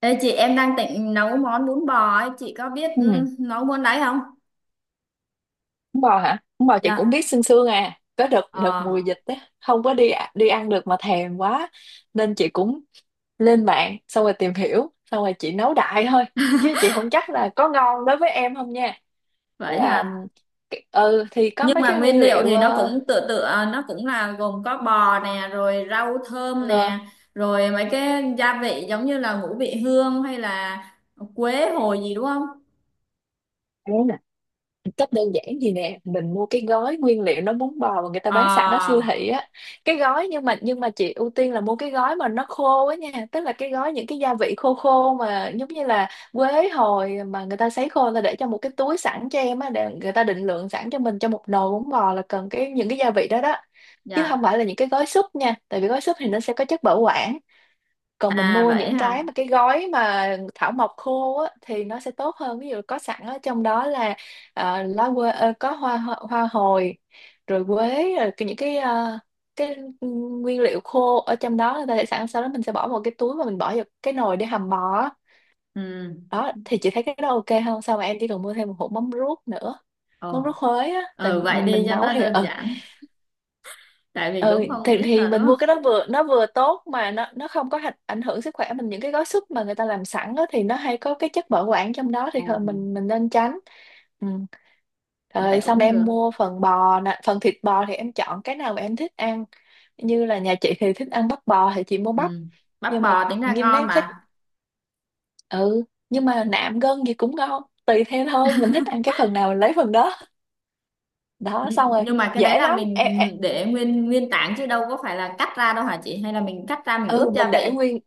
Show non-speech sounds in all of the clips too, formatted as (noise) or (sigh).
Ê chị em đang định nấu món bún bò ấy, chị có biết Ừ, nấu món đấy không? bún bò hả? Bún bò chị cũng Dạ. biết sương sương à. Có đợt đợt Ờ. mùa dịch á, không có đi ăn được mà thèm quá nên chị cũng lên mạng xong rồi tìm hiểu, xong rồi chị nấu đại thôi. Chứ chị không chắc là có ngon đối với em không nha. Tức Vậy là hả? ừ thì có Nhưng mấy mà cái nguyên nguyên liệu liệu thì nó cũng tựa tựa, nó cũng là gồm có bò nè, rồi rau thơm nè, rồi mấy cái gia vị giống như là ngũ vị hương hay là quế hồi gì đúng không? ờ, cách đơn giản gì nè, mình mua cái gói nguyên liệu nó bún bò mà người ta bán sẵn ở siêu Ờ, thị á. Cái gói nhưng mà chị ưu tiên là mua cái gói mà nó khô á nha, tức là cái gói những cái gia vị khô khô mà giống như là quế hồi mà người ta sấy khô, người ta để trong một cái túi sẵn cho em á, để người ta định lượng sẵn cho mình cho một nồi bún bò là cần cái những cái gia vị đó đó. Chứ không dạ. phải là những cái gói súp nha, tại vì gói súp thì nó sẽ có chất bảo quản, còn mình À mua vậy những cái hả? mà cái gói mà thảo mộc khô á, thì nó sẽ tốt hơn. Ví dụ có sẵn ở trong đó là lá quế, có hoa, hoa hồi, rồi quế rồi những cái cái nguyên liệu khô ở trong đó người ta để sẵn, sau đó mình sẽ bỏ vào cái túi và mình bỏ vào cái nồi để hầm bò á. Ừ. Đó thì chị thấy cái đó ok không sao, mà em chỉ cần mua thêm một hộp mắm ruốc nữa, mắm Ồ, ruốc Huế á, tại ừ, vậy đi mình cho nấu nó thì đơn giản. Tại vì ừ cũng không biết thì rồi đúng mình không? mua cái đó vừa nó vừa tốt mà nó không có ảnh hưởng sức khỏe mình. Những cái gói súp mà người ta làm sẵn đó, thì nó hay có cái chất bảo quản trong đó, thì Ừ, thôi mình nên tránh. Ừ. vậy Rồi xong cũng em được. mua phần bò nè, phần thịt bò thì em chọn cái nào mà em thích ăn. Như là nhà chị thì thích ăn bắp bò thì chị mua bắp. Ừ. Bắp Nhưng mà bò tính ra nhưng mà nếu ngon em thích mà. ừ, nhưng mà nạm gân gì cũng ngon, tùy theo thôi, mình thích ăn cái phần nào mình lấy phần đó. Đó xong rồi, Nhưng mà cái đấy dễ là lắm. mình Em để nguyên nguyên tảng chứ đâu có phải là cắt ra đâu hả chị, hay là mình cắt ra mình ướp ừ mình gia để vị? nguyên,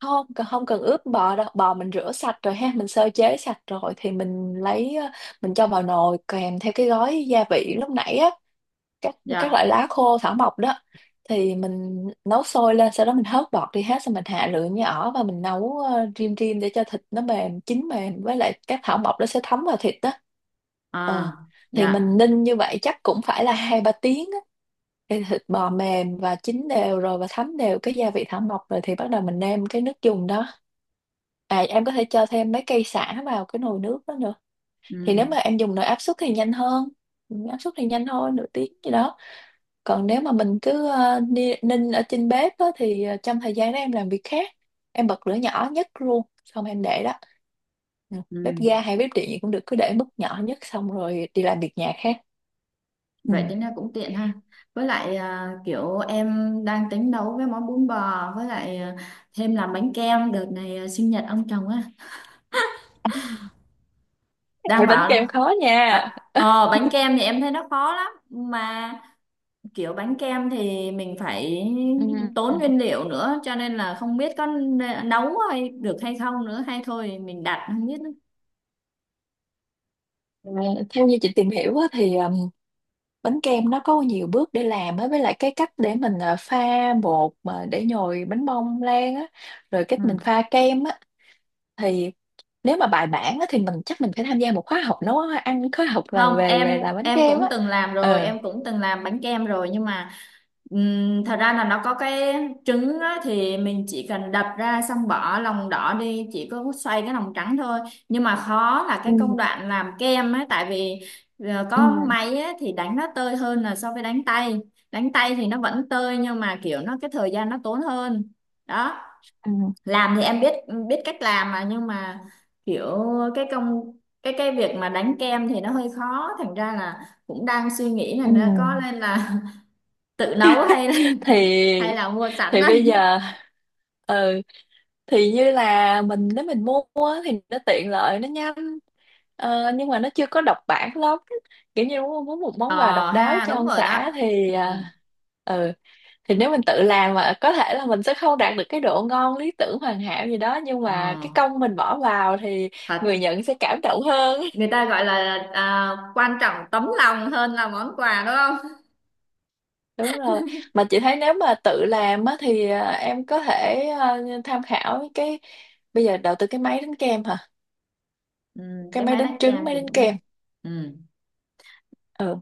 không cần ướp bò đâu. Bò mình rửa sạch rồi ha, mình sơ chế sạch rồi thì mình lấy mình cho vào nồi kèm theo cái gói gia vị lúc nãy á, các Dạ. loại lá khô thảo mộc đó, thì mình nấu sôi lên, sau đó mình hớt bọt đi hết, xong mình hạ lửa nhỏ và mình nấu rim rim để cho thịt nó mềm, chín mềm, với lại các thảo mộc nó sẽ thấm vào thịt đó. ờ À, thì dạ. mình ninh như vậy chắc cũng phải là 2-3 tiếng á, thì thịt bò mềm và chín đều rồi và thấm đều cái gia vị thảo mộc rồi, thì bắt đầu mình nêm cái nước dùng đó. À, em có thể cho thêm mấy cây sả vào cái nồi nước đó nữa. Thì nếu Ừ, mà em dùng nồi áp suất thì nhanh hơn. Ừ, áp suất thì nhanh thôi, nửa tiếng gì đó. Còn nếu mà mình cứ ninh ở trên bếp á, thì trong thời gian đó em làm việc khác, em bật lửa nhỏ nhất luôn xong em để đó. Ừ, bếp ga ừ. hay bếp điện gì cũng được, cứ để mức nhỏ nhất xong rồi đi làm việc nhà khác. Ừ. Vậy tính ra cũng tiện ha. Với lại kiểu em đang tính nấu cái món bún bò, với lại thêm làm bánh kem đợt này, sinh nhật ông chồng á, (laughs) đang Ê, bánh bảo. kem khó nha. Bánh kem thì em thấy nó khó lắm mà, kiểu bánh kem thì mình phải Ừ. tốn nguyên liệu nữa, cho nên là không biết có nấu hay được hay không nữa, hay thôi mình đặt không biết nữa. Ờ, theo như chị tìm hiểu á, thì bánh kem nó có nhiều bước để làm á, với lại cái cách để mình pha bột mà để nhồi bánh bông lan á, rồi cách Ừ. mình pha kem á. Thì nếu mà bài bản á, thì mình chắc mình phải tham gia một khóa học nấu ăn, khóa học làm Không, về về em làm bánh em kem cũng á. từng làm rồi, Ờ. em cũng từng làm bánh kem rồi, nhưng mà thật ra là nó có cái trứng á, thì mình chỉ cần đập ra xong bỏ lòng đỏ đi, chỉ có xoay cái lòng trắng thôi. Nhưng mà khó là Ừ. cái công đoạn làm kem á, tại vì có Ừ, máy á thì đánh nó tơi hơn là so với đánh tay. Đánh tay thì nó vẫn tơi, nhưng mà kiểu nó cái thời gian nó tốn hơn đó. ừ, Làm thì em biết biết cách làm mà, nhưng mà kiểu cái công cái việc mà đánh kem thì nó hơi khó, thành ra là cũng đang suy nghĩ là ừ. nó có nên là (laughs) tự nấu hay thì là mua sẵn thì bây đây. giờ ừ thì như là mình, nếu mình mua á, thì nó tiện lợi, nó nhanh. Ờ, nhưng mà nó chưa có độc bản lắm, kiểu như muốn muốn một Ờ món quà độc đáo ha, cho đúng ông rồi đó. xã thì Ừ. à, ừ thì nếu mình tự làm mà có thể là mình sẽ không đạt được cái độ ngon lý tưởng hoàn hảo gì đó, nhưng Ờ. mà cái công mình bỏ vào thì Thật. người nhận sẽ cảm động hơn. Người ta gọi là quan trọng tấm lòng hơn là món quà đúng không? (laughs) Đúng rồi, mà chị thấy nếu mà tự làm á thì à, em có thể à, tham khảo cái, bây giờ đầu tư cái máy đánh kem hả, Ừ, cái cái máy máy đánh đánh trứng, kem máy thì đánh kem. cũng. Ừ. Ừ,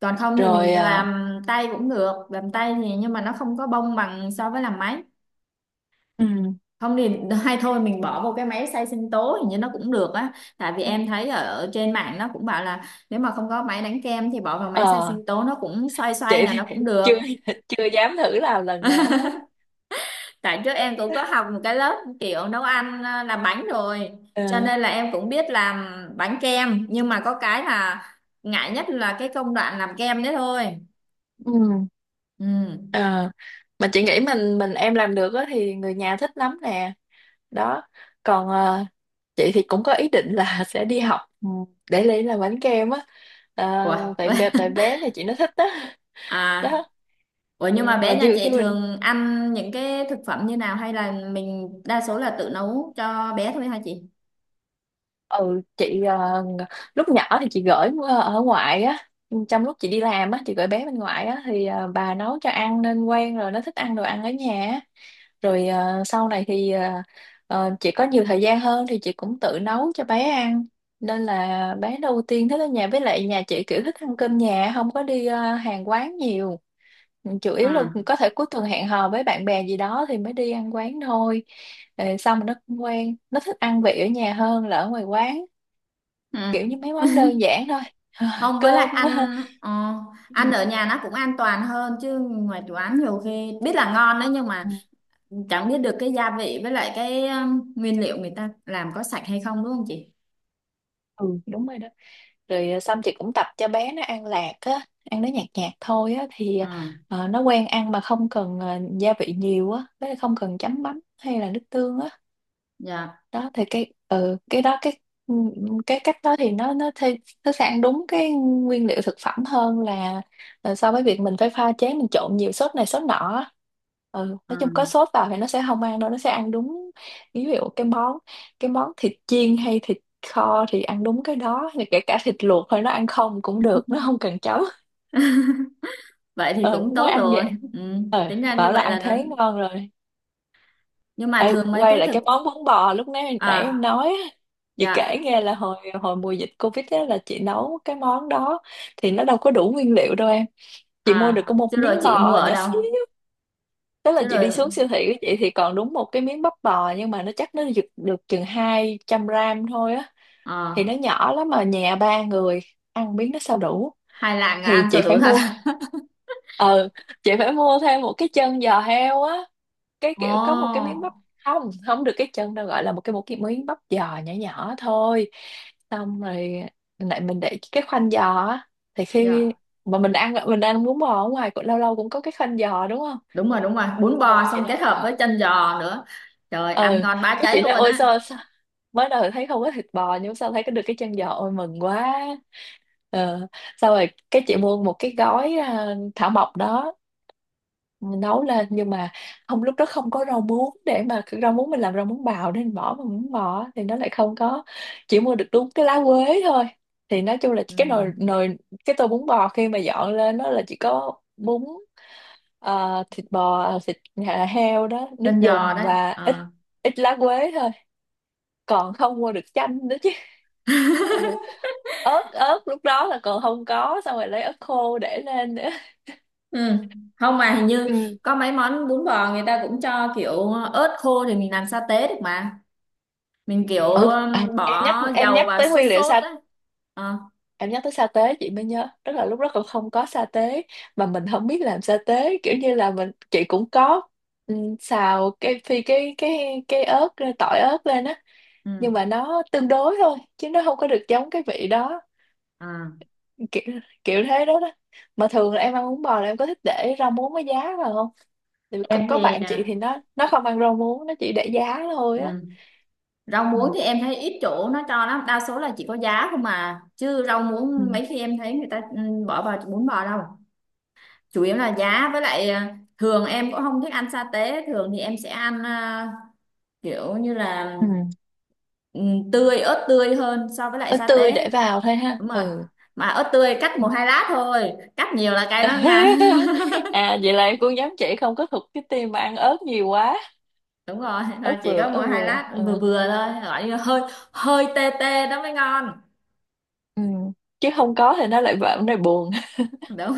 Còn không thì mình rồi à, làm tay cũng được, làm tay thì nhưng mà nó không có bông bằng so với làm máy. ừ. Không thì hay thôi mình bỏ vào cái máy xay sinh tố, hình như nó cũng được á. Tại vì em thấy ở trên mạng nó cũng bảo là nếu mà không có máy đánh kem thì bỏ vào máy xay ờ sinh tố nó cũng xoay xoay chị là thì nó cũng (laughs) được. chưa chưa dám thử làm lần nào (laughs) hết. Tại trước em cũng có học một cái lớp kiểu nấu ăn, làm bánh rồi, Ờ. cho nên là em cũng biết làm bánh kem, nhưng mà có cái là ngại nhất là cái công đoạn làm kem đấy thôi. Ừ. Ừ. ờ mà chị nghĩ mình em làm được á thì người nhà thích lắm nè. Đó còn chị thì cũng có ý định là (laughs) sẽ đi học ừ, để lấy làm bánh kem á, à, Ủa? (laughs) Tại bé nhà chị nó thích đó. (laughs) À. Đó. Ủa nhưng mà Ờ, mà bé nhà nhiều khi chị mình thường ăn những cái thực phẩm như nào, hay là mình đa số là tự nấu cho bé thôi hả chị? ừ chị, lúc nhỏ thì chị gửi ở ngoại á, trong lúc chị đi làm á, chị gửi bé bên ngoại á, thì bà nấu cho ăn nên quen rồi, nó thích ăn đồ ăn ở nhà á. Rồi sau này thì chị có nhiều thời gian hơn thì chị cũng tự nấu cho bé ăn, nên là bé đầu tiên thích ở nhà. Với lại nhà chị kiểu thích ăn cơm nhà, không có đi hàng quán nhiều. Ừ, chủ yếu là À. có thể cuối tuần hẹn hò với bạn bè gì đó thì mới đi ăn quán thôi. Ờ, xong rồi nó cũng quen, nó thích ăn vị ở nhà hơn là ở ngoài quán, Ừ. kiểu như mấy món đơn (laughs) giản thôi. (laughs) Không, với lại Cơm. (laughs) Ăn ở nhà nó cũng an toàn hơn chứ ngoài quán nhiều khi biết là ngon đấy, nhưng mà Ừ, chẳng biết được cái gia vị với lại cái nguyên liệu người ta làm có sạch hay không đúng không chị? ừ, đúng rồi đó. Rồi xong chị cũng tập cho bé nó ăn lạc á, ăn nó nhạt nhạt thôi á, thì Ừ. Nó quen ăn mà không cần gia vị nhiều á, với lại không cần chấm mắm hay là nước tương á. Dạ. Đó thì cái cái đó, cái ừ, cái cách đó thì nó nó sẽ ăn đúng cái nguyên liệu thực phẩm hơn là so với việc mình phải pha chế, mình trộn nhiều sốt này sốt nọ á. Ừ, nói chung có Ừ. sốt vào thì nó sẽ không ăn đâu, nó sẽ ăn đúng ví dụ cái món thịt chiên hay thịt kho thì ăn đúng cái đó, thì kể cả thịt luộc thôi nó ăn không cũng được, nó không cần chấm. (laughs) Vậy thì Ừ, cũng nó nói tốt ăn rồi. vậy. Ừ. Ừ, Tính ra như bảo là vậy ăn là nó. thế ngon rồi. Nhưng mà Ê, thường mấy quay cái lại thực. cái món bún bò lúc nãy nãy em À. nói á. Chị Dạ. kể nghe là hồi hồi mùa dịch COVID á, là chị nấu cái món đó, thì nó đâu có đủ nguyên liệu đâu em. Chị mua được À, có chứ một rồi miếng chị mua bò ở nhỏ đâu? xíu, tức là Chứ chị đi rồi. xuống siêu thị của chị thì còn đúng một cái miếng bắp bò, nhưng mà nó chắc nó được chừng 200 gram thôi á, Ờ, thì nó nhỏ lắm, mà nhà ba người ăn miếng nó sao đủ. hai lạng là Thì ăn chị cho phải đủ thật. mua ờ chị phải mua thêm một cái chân giò heo á, cái Ồ, kiểu có một cái miếng bắp, không không được cái chân đâu, gọi là một cái miếng bắp giò nhỏ nhỏ thôi. Xong rồi lại mình để cái khoanh giò á, thì khi dạ, mà mình ăn bún bò ở ngoài cũng lâu lâu cũng có cái khoanh giò đúng không. đúng rồi, đúng rồi. Bún Xong bò rồi chị xong kết hợp nói với chân giò nữa. Trời, ăn ừ, ngon bá cái cháy chị nói luôn ôi á. Sao mới đầu thấy không có thịt bò, nhưng sao thấy có được cái chân giò, ôi mừng quá. ờ Xong rồi cái chị mua một cái gói à, thảo mộc đó nấu lên, nhưng mà không, lúc đó không có rau muống, để mà rau muống mình làm rau muống bào nên bỏ, mà muống bò thì nó lại không có, chỉ mua được đúng cái lá quế thôi. Thì nói chung là Ừ. cái nồi nồi, cái tô bún bò khi mà dọn lên nó là chỉ có bún, thịt bò, thịt heo đó, nước Chân giò dùng đấy. và ít Ờ. ít lá quế thôi, còn không mua được chanh nữa chứ. (laughs) (laughs) Ừ. ớt Ớt lúc đó là còn không có, xong rồi lấy ớt khô để lên nữa. Ừ. Không mà hình như Ừ. có mấy món bún bò người ta cũng cho kiểu ớt khô thì mình làm sa tế được mà. Mình kiểu Ừ. À, em bỏ nhắc em dầu nhắc vào tới sốt nguyên liệu sốt á. Ờ, em nhắc tới sa tế chị mới nhớ, tức là lúc đó còn không có sa tế mà mình không biết làm sa tế, kiểu như là chị cũng có, ừ, xào cái phi cái ớt ra, tỏi ớt lên á, ừ. nhưng mà nó tương đối thôi chứ nó không có được giống cái vị đó, À, kiểu kiểu thế đó đó. Mà thường là em ăn bún bò là em có thích để rau muống với giá vào không, thì em có thì bạn chị à, thì nó không ăn rau muống, nó chỉ để giá thôi ừ. á. Rau Ừ. muống thì em thấy ít chỗ nó cho lắm, đa số là chỉ có giá không mà, chứ rau Ừ. muống mấy khi em thấy người ta bỏ vào bún bò đâu. Chủ yếu là giá, với lại thường em cũng không thích ăn sa tế, thường thì em sẽ ăn, kiểu như là Ừ. ừ, ớt tươi hơn so với lại Ớt sa tươi tế. để vào thôi ha, Đúng rồi, ừ. mà ớt tươi cắt một hai lát thôi, cắt nhiều là cay lắm nha. (laughs) à vậy là cô nhóm chị không có thuộc cái team mà ăn ớt nhiều quá. (laughs) Đúng rồi, ớt là chỉ vừa có một ớt hai vừa lát vừa ờ. vừa thôi, gọi như hơi hơi tê tê đó mới ngon. Ừ. Chứ không có thì nó lại vợ này buồn. Đúng.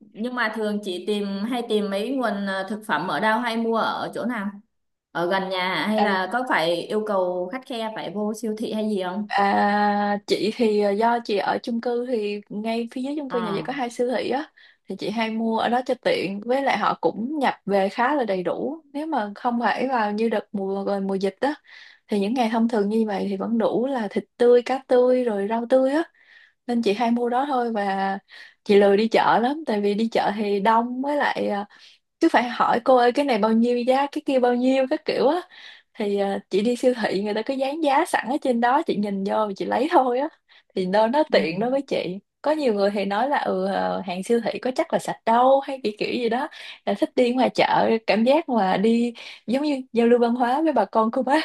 Nhưng mà thường chị hay tìm mấy nguồn thực phẩm ở đâu, hay mua ở chỗ nào? Ở gần nhà à? Hay à, là có phải yêu cầu khắt khe phải vô siêu thị hay gì không? à chị thì do chị ở chung cư thì ngay phía dưới chung cư nhà chị Ờ. có hai siêu thị á, thì chị hay mua ở đó cho tiện, với lại họ cũng nhập về khá là đầy đủ. Nếu mà không phải vào như đợt mùa rồi, mùa dịch á, thì những ngày thông thường như vậy thì vẫn đủ là thịt tươi, cá tươi rồi rau tươi á, nên chị hay mua đó thôi. Và chị lười đi chợ lắm, tại vì đi chợ thì đông, với lại cứ phải hỏi cô ơi cái này bao nhiêu giá, cái kia bao nhiêu, các kiểu á. Thì chị đi siêu thị người ta cứ dán giá sẵn ở trên đó, chị nhìn vô chị lấy thôi á, thì nó Ừ. tiện đối với chị. Có nhiều người thì nói là hàng siêu thị có chắc là sạch đâu hay kiểu kiểu gì đó, là thích đi ngoài chợ, cảm giác mà đi giống như giao lưu văn hóa với bà con cô bác.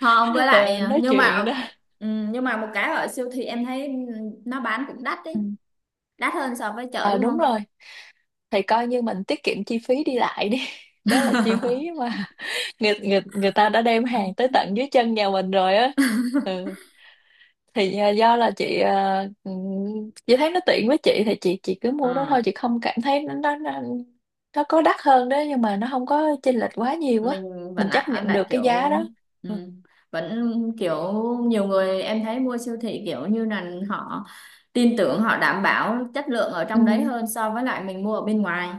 Không, với (laughs) lại ờ, nói nhưng mà chuyện đó. ừ, nhưng mà một cái ở siêu thị em thấy nó bán cũng đắt Ừ. đấy, đắt hơn so với chợ Ờ, đúng đúng không? rồi, thì coi như mình tiết kiệm chi phí đi lại đi, (laughs) đó là chi phí (laughs) mà (laughs) người người người ta đã đem hàng tới tận dưới chân nhà mình rồi á. Ừ. Thì do là chị chị thấy nó tiện với chị, thì chị cứ mua đó Ờ. thôi, chị không cảm thấy nó nó có đắt hơn đó nhưng mà nó không có chênh lệch quá nhiều á, Mình vẫn mình chấp ăn, nhận được đặt cái kiểu. giá đó. Ừ, Ừ. vẫn kiểu nhiều người em thấy mua siêu thị kiểu như là họ tin tưởng, họ đảm bảo chất lượng ở trong đấy Ừ. hơn so với lại mình mua ở bên ngoài.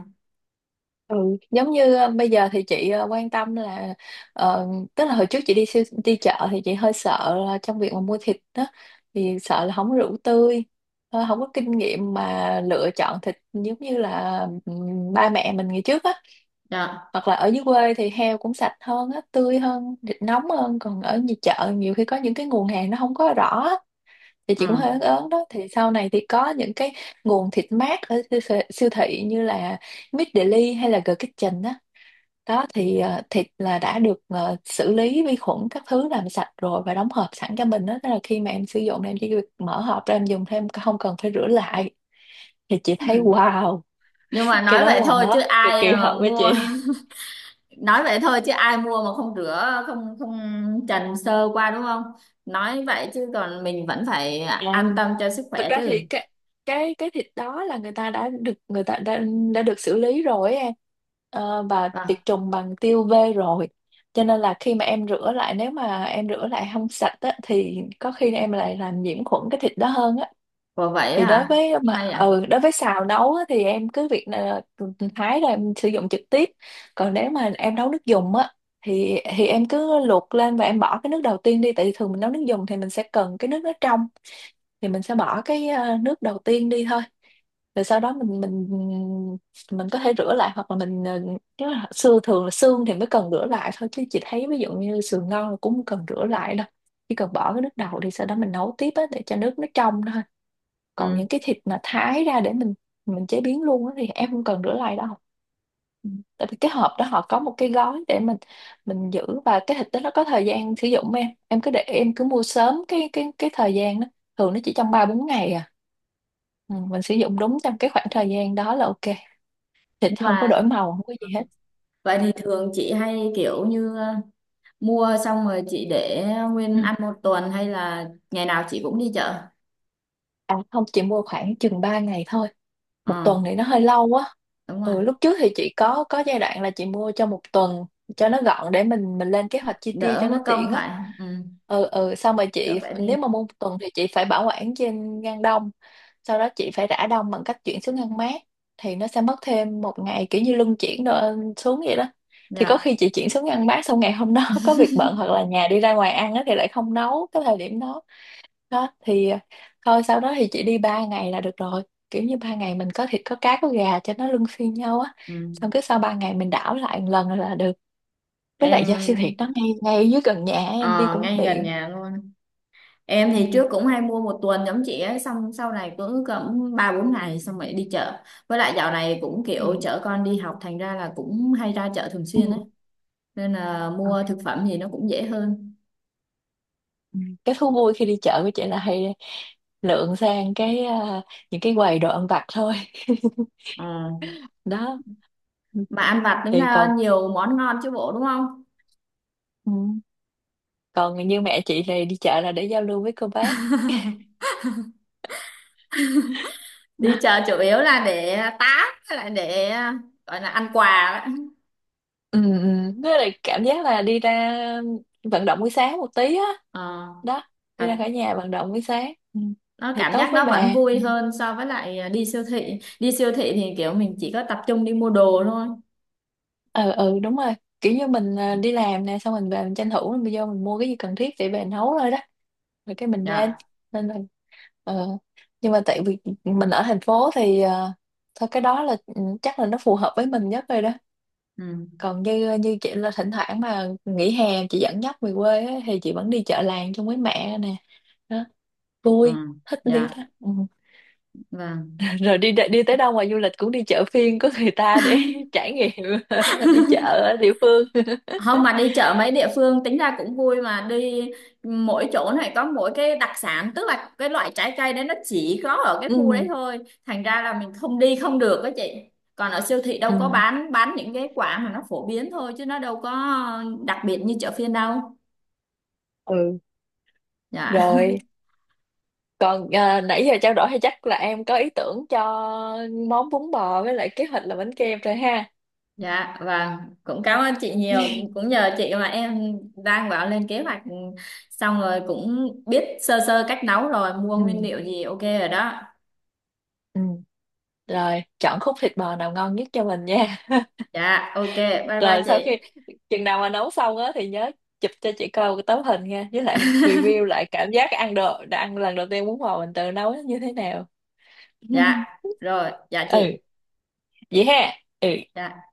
Ừ, giống như bây giờ thì chị quan tâm là, ờ, tức là hồi trước chị đi chợ thì chị hơi sợ là trong việc mà mua thịt đó, thì sợ là không có rượu tươi, không có kinh nghiệm mà lựa chọn thịt, giống như là ba mẹ mình ngày trước á, Dạ. hoặc là ở dưới quê thì heo cũng sạch hơn á, tươi hơn, thịt nóng hơn. Còn ở nhà chợ nhiều khi có những cái nguồn hàng nó không có rõ á, thì chị cũng hơi ớn Ừ. ớn đó. Thì sau này thì có những cái nguồn thịt mát ở siêu thị, như là Meat Deli hay là The Kitchen á. Đó thì thịt là đã được xử lý vi khuẩn các thứ, làm sạch rồi và đóng hộp sẵn cho mình đó. Tức là khi mà em sử dụng, em chỉ việc mở hộp ra em dùng thêm, không cần phải rửa lại, thì chị thấy Ừ. wow, Nhưng mà cái nói đó vậy là thôi chứ nó cực ai kỳ mà hợp với mua. chị. (laughs) Nói vậy thôi chứ ai mua mà không rửa, không không trần sơ qua đúng không? Nói vậy chứ còn mình vẫn phải an Làm tâm cho sức thật khỏe ra thì chứ. cái thịt đó là người ta đã được, đã được xử lý rồi ấy em. Ờ, và tiệt Vâng. trùng bằng tiêu vê rồi, cho nên là khi mà em rửa lại, nếu mà em rửa lại không sạch á, thì có khi em lại làm nhiễm khuẩn cái thịt đó hơn á. Ủa vậy Thì đối hả. với mà Hay à. Đối với xào nấu á, thì em cứ việc là thái là em sử dụng trực tiếp. Còn nếu mà em nấu nước dùng á, thì em cứ luộc lên và em bỏ cái nước đầu tiên đi, tại vì thường mình nấu nước dùng thì mình sẽ cần cái nước nó trong, thì mình sẽ bỏ cái nước đầu tiên đi thôi. Rồi sau đó mình mình có thể rửa lại, hoặc là mình, nếu là xương, thường là xương thì mới cần rửa lại thôi, chứ chị thấy ví dụ như sườn ngon là cũng không cần rửa lại đâu, chỉ cần bỏ cái nước đầu đi sau đó mình nấu tiếp á để cho nước nó trong thôi. Còn Ừ. những cái thịt mà thái ra để mình chế biến luôn á thì em không cần rửa lại đâu. Ừ. Tại vì cái hộp đó họ có một cái gói để mình giữ, và cái thịt đó nó có thời gian sử dụng, em cứ để em cứ mua sớm cái cái thời gian đó, thường nó chỉ trong ba bốn ngày à. Ừ, mình sử dụng đúng trong cái khoảng thời gian đó là ok, thịt Nhưng không có mà. đổi màu, không có gì hết. Vậy Ừ. thì thường chị hay kiểu như mua xong rồi chị để Ừ. nguyên ăn một tuần, hay là ngày nào chị cũng đi chợ? À không, chỉ mua khoảng chừng 3 ngày thôi, một Ờ, tuần thì nó hơi lâu quá. đúng rồi. Ừ, lúc trước thì chị có giai đoạn là chị mua cho một tuần cho nó gọn, để mình lên kế hoạch chi tiêu Đỡ cho nó mất công tiện á. phải. Ừ, Xong rồi đỡ chị, phải đi. nếu mà mua một tuần thì chị phải bảo quản trên ngăn đông, sau đó chị phải rã đông bằng cách chuyển xuống ngăn mát, thì nó sẽ mất thêm một ngày, kiểu như luân chuyển đồ xuống vậy đó. Thì có Dạ. khi chị chuyển xuống ngăn mát xong ngày hôm đó (laughs) có việc bận, hoặc là nhà đi ra ngoài ăn á, thì lại không nấu cái thời điểm đó. Đó thì thôi sau đó thì chị đi ba ngày là được rồi, kiểu như ba ngày mình có thịt, có cá, có gà cho nó luân phiên nhau á, Ừ. xong cái sau ba ngày mình đảo lại một lần là được. Với lại do siêu thị Em nó ngay ngay dưới gần nhà, em đi ờ, cũng ngay gần tiện. nhà luôn. Em Ừ. thì trước cũng hay mua một tuần giống chị ấy, xong sau này cứ cỡ ba bốn ngày xong rồi đi chợ. Với lại dạo này cũng kiểu Ừ. chở con đi học, thành ra là cũng hay ra chợ thường Ừ. xuyên ấy. Nên là Ừ. mua thực phẩm gì nó cũng dễ hơn. Ừ. Cái thú vui khi đi chợ của chị là hay lượn sang cái, những cái quầy đồ ăn vặt thôi. (laughs) Ờ. đó. Ừ. Mà ăn vặt tính Thì ra còn, nhiều món ngon chứ bộ đúng không? ừ, còn như mẹ chị này đi chợ là để giao lưu với cô bác. Đi chợ chủ yếu là để tám, với lại để gọi là ăn quà đấy. Ừ. Với lại cảm giác là đi ra vận động buổi sáng một tí á, Ờ, đó, đi thật. ra khỏi nhà vận động buổi sáng, ừ. Nó Thì cảm tốt giác với nó vẫn bà, ừ. vui hơn so với lại đi siêu thị, đi siêu thị thì kiểu mình chỉ có tập trung đi mua đồ thôi. Ừ, đúng rồi, kiểu như mình đi làm nè, xong mình về mình tranh thủ mình vô mình mua cái gì cần thiết để về nấu thôi đó, rồi cái mình lên. Dạ. Nên là, ờ, nhưng mà tại vì mình ở thành phố thì thôi cái đó là ừ, chắc là nó phù hợp với mình nhất rồi đó. Ừ, Còn như như chị là thỉnh thoảng mà nghỉ hè chị dẫn dắt về quê á, thì chị vẫn đi chợ làng chung với mẹ nè. Đó, ừ. vui, thích đi Dạ, lắm, ừ. vâng. (laughs) rồi đi đi tới đâu ngoài du lịch cũng đi chợ phiên của người ta để (laughs) trải nghiệm, (laughs) đi chợ ở địa phương. (laughs) Không, mà đi chợ mấy địa phương tính ra cũng vui mà, đi mỗi chỗ này có mỗi cái đặc sản, tức là cái loại trái cây đấy nó chỉ có ở cái ừ khu đấy thôi, thành ra là mình không đi không được đó chị. Còn ở siêu thị đâu có ừ bán những cái quả mà nó phổ biến thôi chứ nó đâu có đặc biệt như chợ phiên đâu. ừ Dạ. (laughs) rồi. Còn nãy giờ trao đổi thì chắc là em có ý tưởng cho món bún bò, với lại kế hoạch là bánh kem rồi ha. Dạ, vâng, cũng cảm ơn chị nhiều, (laughs) cũng nhờ chị mà em đang bảo lên kế hoạch, xong rồi cũng biết sơ sơ cách nấu rồi mua nguyên ừ liệu gì ok rồi đó. ừ rồi, chọn khúc thịt bò nào ngon nhất cho mình nha. Dạ ok. Bye bye Rồi chị. sau khi chừng nào mà nấu xong á thì nhớ chụp cho chị coi cái tấm hình nha, với lại (laughs) review lại cảm giác ăn đồ, đã ăn lần đầu tiên bún bò mình tự nấu nó như thế nào. Dạ (laughs) rồi dạ Ừ, chị. vậy ha. Ừ. Dạ.